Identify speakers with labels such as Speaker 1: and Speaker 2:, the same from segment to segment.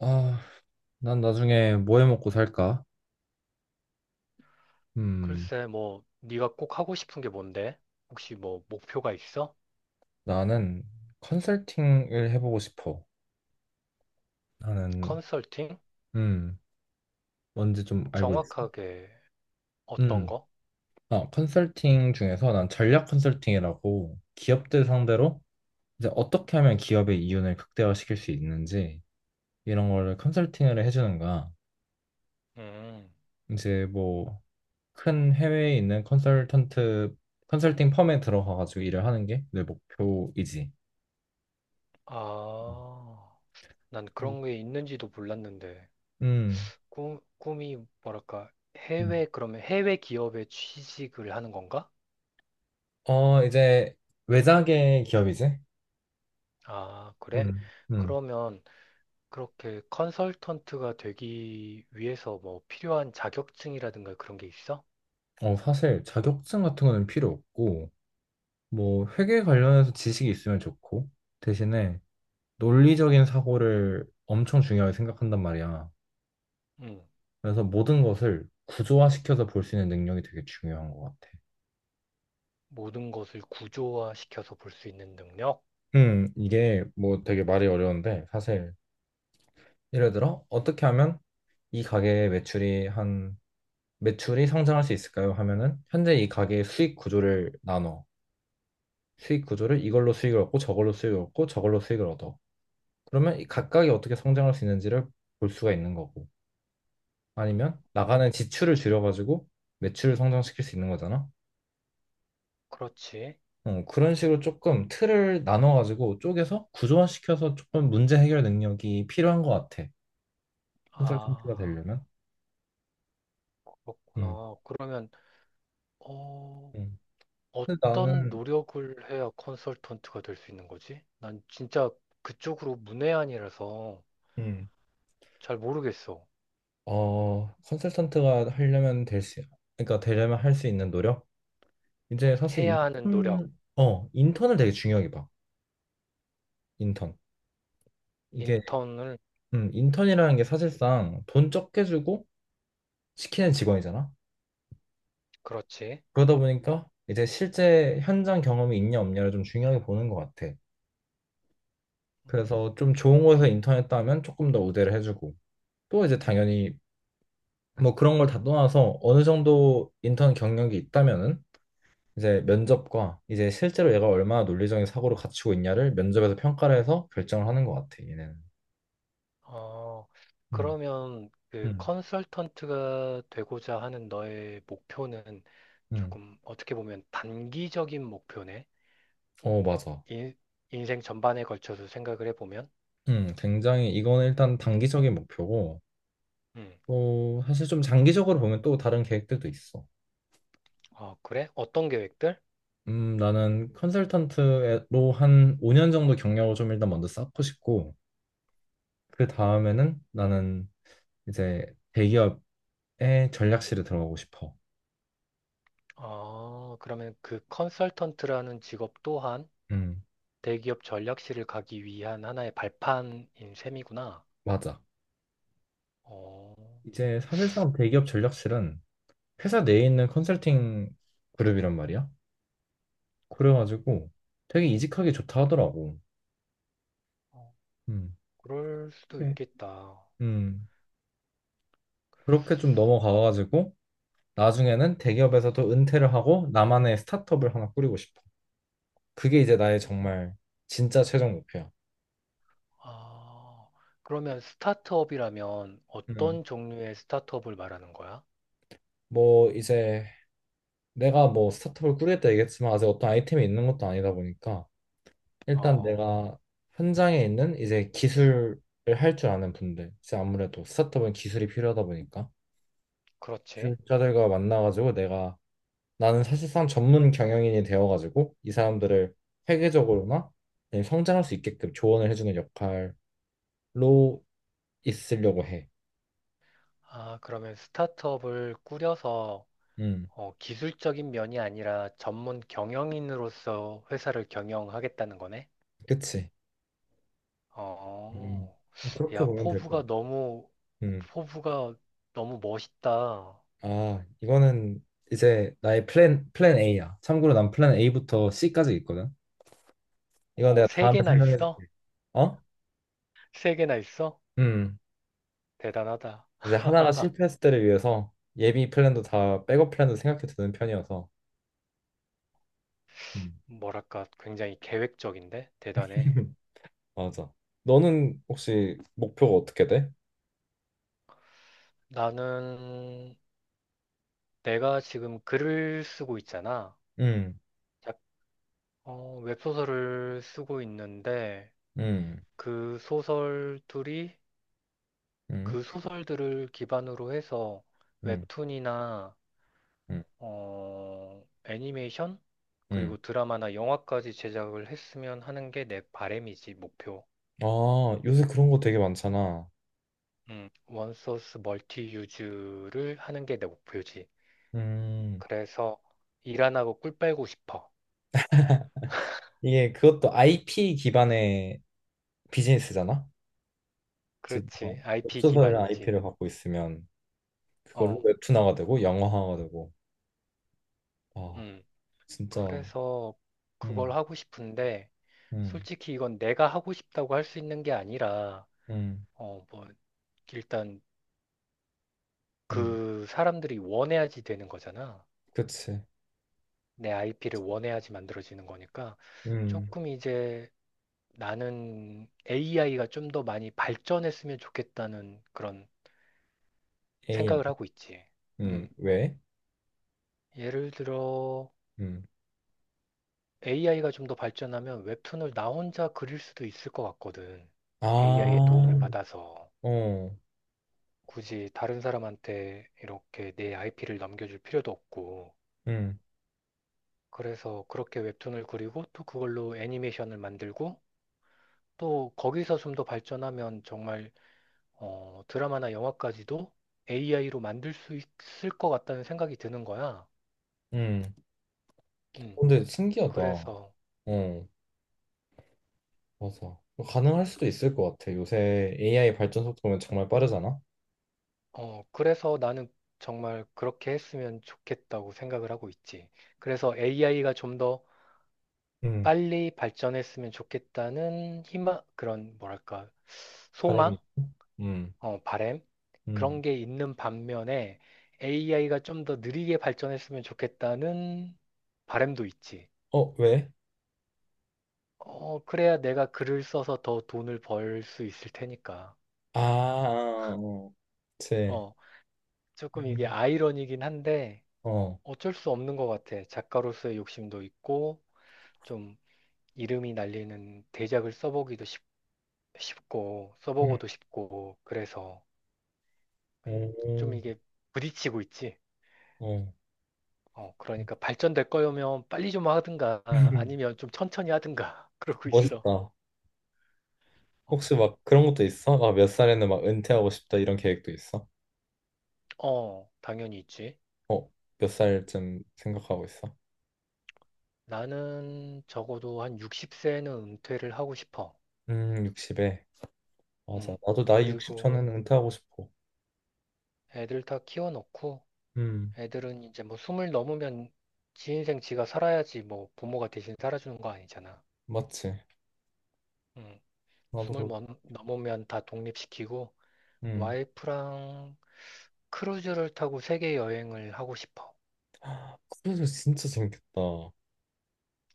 Speaker 1: 아, 난 나중에 뭐 해먹고 살까? 음,
Speaker 2: 글쎄, 뭐, 네가 꼭 하고 싶은 게 뭔데? 혹시 뭐, 목표가 있어?
Speaker 1: 나는 컨설팅을 해보고 싶어. 나는,
Speaker 2: 컨설팅?
Speaker 1: 음, 뭔지 좀 알고 있어.
Speaker 2: 정확하게 어떤
Speaker 1: 음,
Speaker 2: 거?
Speaker 1: 아, 컨설팅 중에서 난 전략 컨설팅이라고 기업들 상대로 이제 어떻게 하면 기업의 이윤을 극대화시킬 수 있는지 이런 거를 컨설팅을 해주는 거야.
Speaker 2: 음,
Speaker 1: 이제 뭐 큰 해외에 있는 컨설팅 펌에 들어가가지고 일을 하는 게 내 목표이지.
Speaker 2: 아, 난
Speaker 1: 음,
Speaker 2: 그런 게 있는지도 몰랐는데.
Speaker 1: 음.
Speaker 2: 꿈이 뭐랄까, 해외, 그러면 해외 기업에 취직을 하는 건가?
Speaker 1: 어, 이제 외자계 기업이지?
Speaker 2: 아, 그래?
Speaker 1: 음, 음.
Speaker 2: 그러면 그렇게 컨설턴트가 되기 위해서 뭐 필요한 자격증이라든가 그런 게 있어?
Speaker 1: 어, 사실 자격증 같은 거는 필요 없고, 뭐 회계 관련해서 지식이 있으면 좋고, 대신에 논리적인 사고를 엄청 중요하게 생각한단 말이야.
Speaker 2: 음.
Speaker 1: 그래서 모든 것을 구조화시켜서 볼 수 있는 능력이 되게 중요한 것 같아.
Speaker 2: 모든 것을 구조화시켜서 볼 수 있는 능력?
Speaker 1: 이게 뭐 되게 말이 어려운데, 사실 예를 들어 어떻게 하면 이 가게의 매출이 한 매출이 성장할 수 있을까요? 하면은 현재 이 가게의 수익 구조를 나눠. 수익 구조를 이걸로 수익을 얻고 저걸로 수익을 얻고 저걸로 수익을 얻어. 그러면 이 각각이 어떻게 성장할 수 있는지를 볼 수가 있는 거고. 아니면 나가는 지출을 줄여가지고 매출을 성장시킬 수 있는 거잖아.
Speaker 2: 그렇지.
Speaker 1: 어, 그런 식으로 조금 틀을 나눠가지고 쪼개서 구조화시켜서 조금 문제 해결 능력이 필요한 것 같아. 컨설턴트가
Speaker 2: 아,
Speaker 1: 되려면. 음.
Speaker 2: 그렇구나. 그러면, 어,
Speaker 1: 음. 근데
Speaker 2: 어떤
Speaker 1: 나는
Speaker 2: 노력을 해야 컨설턴트가 될 수 있는 거지? 난 진짜 그쪽으로 문외한이라서
Speaker 1: 음.
Speaker 2: 잘 모르겠어.
Speaker 1: 어, 컨설턴트가 하려면 될 수, 그러니까 되려면 할 수 있는 노력? 이제 사실
Speaker 2: 해야 하는 노력,
Speaker 1: 인턴을 되게 중요하게 봐. 인턴. 이게
Speaker 2: 인턴을,
Speaker 1: 인턴이라는 게 사실상 돈 적게 주고 시키는 직원이잖아.
Speaker 2: 그렇지.
Speaker 1: 그러다 보니까 이제 실제 현장 경험이 있냐 없냐를 좀 중요하게 보는 것 같아.
Speaker 2: 음.
Speaker 1: 그래서 좀 좋은 곳에서 인턴했다 하면 조금 더 우대를 해주고 또 이제 당연히 뭐 그런 걸 다 떠나서 어느 정도 인턴 경력이 있다면은 이제 면접과 이제 실제로 얘가 얼마나 논리적인 사고를 갖추고 있냐를 면접에서 평가를 해서 결정을 하는 것 같아. 얘네는.
Speaker 2: 어,
Speaker 1: 음,
Speaker 2: 그러면 그
Speaker 1: 음,
Speaker 2: 컨설턴트가 되고자 하는 너의 목표는
Speaker 1: 음.
Speaker 2: 조금 어떻게 보면 단기적인 목표네.
Speaker 1: 어, 맞아.
Speaker 2: 인, 인생 전반에 걸쳐서 생각을 해보면.
Speaker 1: 굉장히 이거는 일단 단기적인 목표고
Speaker 2: 음.
Speaker 1: 또 사실 좀 장기적으로 보면 또 다른 계획들도 있어.
Speaker 2: 아, 그래? 어떤 계획들?
Speaker 1: 나는 컨설턴트로 한 5년 정도 경력을 좀 일단 먼저 쌓고 싶고 그 다음에는 나는 이제 대기업의 전략실에 들어가고 싶어.
Speaker 2: 아, 그러면 그 컨설턴트라는 직업 또한
Speaker 1: 음,
Speaker 2: 대기업 전략실을 가기 위한 하나의 발판인 셈이구나.
Speaker 1: 맞아.
Speaker 2: 어,
Speaker 1: 이제 사실상 대기업 전략실은 회사 내에 있는 컨설팅 그룹이란 말이야. 그래가지고 되게 이직하기 좋다 하더라고.
Speaker 2: 어,
Speaker 1: 음.
Speaker 2: 그럴 수도
Speaker 1: 그래.
Speaker 2: 있겠다.
Speaker 1: 음, 그렇게 좀 넘어가가지고 나중에는 대기업에서도 은퇴를 하고 나만의 스타트업을 하나 꾸리고 싶어. 그게 이제 나의
Speaker 2: 어,
Speaker 1: 정말 진짜 최종 목표야.
Speaker 2: 아, 그러면 스타트업이라면
Speaker 1: 음.
Speaker 2: 어떤 종류의 스타트업을 말하는 거야?
Speaker 1: 뭐 이제 내가 뭐 스타트업을 꾸리겠다 얘기했지만 아직 어떤 아이템이 있는 것도 아니다 보니까 일단
Speaker 2: 어,
Speaker 1: 내가 현장에 있는 이제 기술을 할 줄 아는 분들, 이제 아무래도 스타트업은 기술이 필요하다 보니까
Speaker 2: 그렇지.
Speaker 1: 기술자들과 만나가지고 내가 나는 사실상 전문 경영인이 되어가지고 이 사람들을 회계적으로나 아니면 성장할 수 있게끔 조언을 해주는 역할로 있으려고 해.
Speaker 2: 아, 그러면 스타트업을 꾸려서
Speaker 1: 음,
Speaker 2: 기술적인 면이 아니라 전문 경영인으로서 회사를 경영하겠다는 거네?
Speaker 1: 그치. 음,
Speaker 2: 어,
Speaker 1: 그렇게
Speaker 2: 야,
Speaker 1: 보면 될 것 같아. 음,
Speaker 2: 포부가 너무 멋있다.
Speaker 1: 아, 이거는 이제 나의 플랜 A야. 참고로 난 플랜 A부터 C까지 있거든. 이건
Speaker 2: 어,
Speaker 1: 내가
Speaker 2: 세
Speaker 1: 다음에
Speaker 2: 개나
Speaker 1: 설명해
Speaker 2: 있어?
Speaker 1: 줄게. 어?
Speaker 2: 세 개나 있어?
Speaker 1: 음,
Speaker 2: 대단하다.
Speaker 1: 이제 하나가 실패했을 때를 위해서 예비 플랜도 다 백업 플랜도 생각해 두는 편이어서. 음,
Speaker 2: 뭐랄까, 굉장히 계획적인데? 대단해.
Speaker 1: 맞아. 너는 혹시 목표가 어떻게 돼?
Speaker 2: 나는 내가 지금 글을 쓰고 있잖아.
Speaker 1: 음,
Speaker 2: 작- 웹소설을 쓰고 있는데
Speaker 1: 음,
Speaker 2: 그 소설들이
Speaker 1: 음,
Speaker 2: 그 소설들을 기반으로 해서
Speaker 1: 음,
Speaker 2: 웹툰이나
Speaker 1: 음,
Speaker 2: 애니메이션?
Speaker 1: 음.
Speaker 2: 그리고 드라마나 영화까지 제작을 했으면 하는 게 내 바램이지 목표.
Speaker 1: 아, 요새 그런 거 되게 많잖아.
Speaker 2: 원소스 멀티 유즈를 하는 게 내 목표지.
Speaker 1: 음.
Speaker 2: 그래서 일 안 하고 꿀 빨고 싶어.
Speaker 1: 이게 그것도 IP 기반의 비즈니스잖아. 그래서
Speaker 2: 그렇지.
Speaker 1: 뭔가 웹
Speaker 2: IP
Speaker 1: 소설이랑
Speaker 2: 기반이지.
Speaker 1: IP를 갖고 있으면 그걸로
Speaker 2: 어,
Speaker 1: 웹툰화가 되고 영화화가 되고. 아
Speaker 2: 음.
Speaker 1: 진짜.
Speaker 2: 그래서 그걸
Speaker 1: 음,
Speaker 2: 하고 싶은데,
Speaker 1: 음,
Speaker 2: 솔직히 이건 내가 하고 싶다고 할 수 있는 게 아니라,
Speaker 1: 음,
Speaker 2: 뭐, 일단
Speaker 1: 음.
Speaker 2: 그 사람들이 원해야지 되는 거잖아.
Speaker 1: 그치.
Speaker 2: 내 IP를 원해야지 만들어지는 거니까
Speaker 1: 음,
Speaker 2: 조금 이제 나는 AI가 좀 더 많이 발전했으면 좋겠다는 그런
Speaker 1: AI.
Speaker 2: 생각을 하고 있지. 음.
Speaker 1: 왜?
Speaker 2: 예를 들어
Speaker 1: 음.
Speaker 2: AI가 좀 더 발전하면 웹툰을 나 혼자 그릴 수도 있을 것 같거든.
Speaker 1: 아,
Speaker 2: AI의 도움을
Speaker 1: 어,
Speaker 2: 받아서 굳이 다른 사람한테 이렇게 내 IP를 넘겨줄 필요도 없고.
Speaker 1: 음,
Speaker 2: 그래서 그렇게 웹툰을 그리고 또 그걸로 애니메이션을 만들고 또 거기서 좀 더 발전하면 정말 드라마나 영화까지도 AI로 만들 수 있을 것 같다는 생각이 드는 거야.
Speaker 1: 음.
Speaker 2: 음,
Speaker 1: 근데 신기하다.
Speaker 2: 그래서,
Speaker 1: 어, 맞아. 가능할 수도 있을 것 같아. 요새 AI 발전 속도면 정말 빠르잖아.
Speaker 2: 그래서 나는 정말 그렇게 했으면 좋겠다고 생각을 하고 있지. 그래서 AI가 좀 더
Speaker 1: 음,
Speaker 2: 빨리 발전했으면 좋겠다는 희망, 그런 뭐랄까,
Speaker 1: 바람이.
Speaker 2: 소망,
Speaker 1: 있고. 음,
Speaker 2: 바램
Speaker 1: 음.
Speaker 2: 그런 게 있는 반면에 AI가 좀 더 느리게 발전했으면 좋겠다는 바램도 있지.
Speaker 1: 어, 왜?
Speaker 2: 어, 그래야 내가 글을 써서 더 돈을 벌 수 있을 테니까.
Speaker 1: 아, 아, 어, 제,
Speaker 2: 어, 조금 이게
Speaker 1: 음,
Speaker 2: 아이러니긴 한데
Speaker 1: 어,
Speaker 2: 어쩔 수 없는 것 같아. 작가로서의 욕심도 있고, 좀 이름이 날리는 대작을 써보기도 쉽고,
Speaker 1: 음.
Speaker 2: 써보고도 싶고, 그래서 음, 좀
Speaker 1: 음,
Speaker 2: 이게 부딪히고 있지.
Speaker 1: 어.
Speaker 2: 그러니까 발전될 거면 빨리 좀 하든가, 아니면 좀 천천히 하든가, 그러고 있어.
Speaker 1: 멋있다. 혹시
Speaker 2: 어,
Speaker 1: 막 그런 것도 있어? 막 몇 살에는 막 은퇴하고 싶다 이런 계획도 있어?
Speaker 2: 어, 당연히 있지.
Speaker 1: 어, 몇 살쯤 생각하고 있어?
Speaker 2: 나는 적어도 한 60세는 은퇴를 하고 싶어.
Speaker 1: 60에. 맞아.
Speaker 2: 음.
Speaker 1: 나도 나이 60
Speaker 2: 그리고
Speaker 1: 전에는 은퇴하고 싶어.
Speaker 2: 애들 다 키워놓고
Speaker 1: 음,
Speaker 2: 애들은 이제 뭐 숨을 넘으면 지 인생 지가 살아야지 뭐 부모가 대신 살아주는 거 아니잖아.
Speaker 1: 맞지.
Speaker 2: 음.
Speaker 1: 나도 그,
Speaker 2: 넘으면 다 독립시키고
Speaker 1: 음.
Speaker 2: 와이프랑 크루즈를 타고 세계 여행을 하고 싶어.
Speaker 1: 크루즈 진짜 재밌겠다. 어,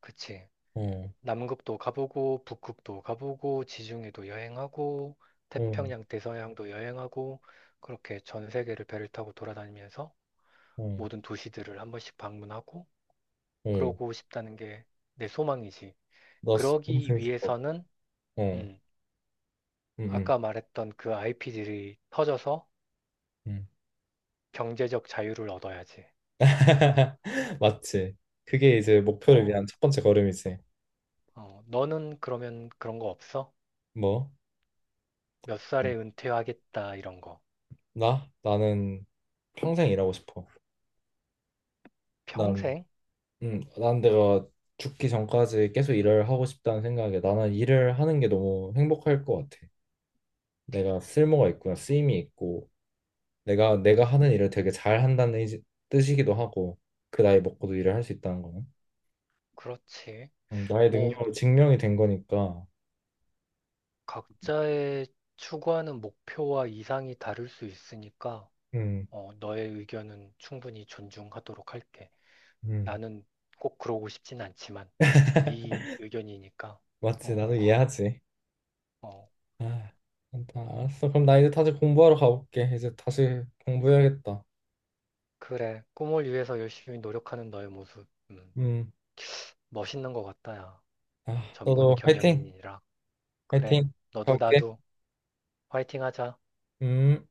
Speaker 2: 그치?
Speaker 1: 어,
Speaker 2: 남극도 가보고 북극도 가보고 지중해도 여행하고 태평양, 대서양도 여행하고 그렇게 전 세계를 배를 타고 돌아다니면서
Speaker 1: 어,
Speaker 2: 모든 도시들을 한 번씩 방문하고
Speaker 1: 어.
Speaker 2: 그러고 싶다는 게 내 소망이지.
Speaker 1: 너무
Speaker 2: 그러기
Speaker 1: 재밌을 것 같아.
Speaker 2: 위해서는
Speaker 1: 어,
Speaker 2: 음,
Speaker 1: 음, 음.
Speaker 2: 아까 말했던 그 IP들이 터져서
Speaker 1: 음.
Speaker 2: 경제적 자유를 얻어야지.
Speaker 1: 맞지. 그게 이제 목표를
Speaker 2: 어,
Speaker 1: 위한 첫 번째 걸음이지.
Speaker 2: 어, 너는 그러면 그런 거 없어?
Speaker 1: 뭐?
Speaker 2: 몇
Speaker 1: 어,
Speaker 2: 살에 은퇴하겠다 이런 거.
Speaker 1: 나? 나는 평생 일하고 싶어. 난,
Speaker 2: 평생?
Speaker 1: 난 내가 죽기 전까지 계속 일을 하고 싶다는 생각에 나는 일을 하는 게 너무 행복할 것 같아. 내가 쓸모가 있구나, 쓰임이 있고, 내가 하는 일을 되게 잘 한다는 뜻이기도 하고, 그 나이 먹고도 일을 할 수 있다는 거는.
Speaker 2: 그렇지.
Speaker 1: 나의
Speaker 2: 뭐
Speaker 1: 능력으로 증명이 된 거니까.
Speaker 2: 각자의 추구하는 목표와 이상이 다를 수 있으니까
Speaker 1: 음,
Speaker 2: 너의 의견은 충분히 존중하도록 할게.
Speaker 1: 음,
Speaker 2: 나는 꼭 그러고 싶진 않지만 네 의견이니까
Speaker 1: 맞지.
Speaker 2: 어,
Speaker 1: 나도 이해하지.
Speaker 2: 어,
Speaker 1: 아, 일단 알았어. 그럼 나 이제 다시 공부하러 가볼게. 이제 다시 공부해야겠다.
Speaker 2: 그래. 꿈을 위해서 열심히 노력하는 너의 모습
Speaker 1: 음.
Speaker 2: 멋있는 것 같다, 야.
Speaker 1: 아,
Speaker 2: 전문
Speaker 1: 너도 화이팅!
Speaker 2: 경영인이라. 그래.
Speaker 1: 화이팅!
Speaker 2: 너도
Speaker 1: 가볼게.
Speaker 2: 나도 화이팅 하자.
Speaker 1: 음.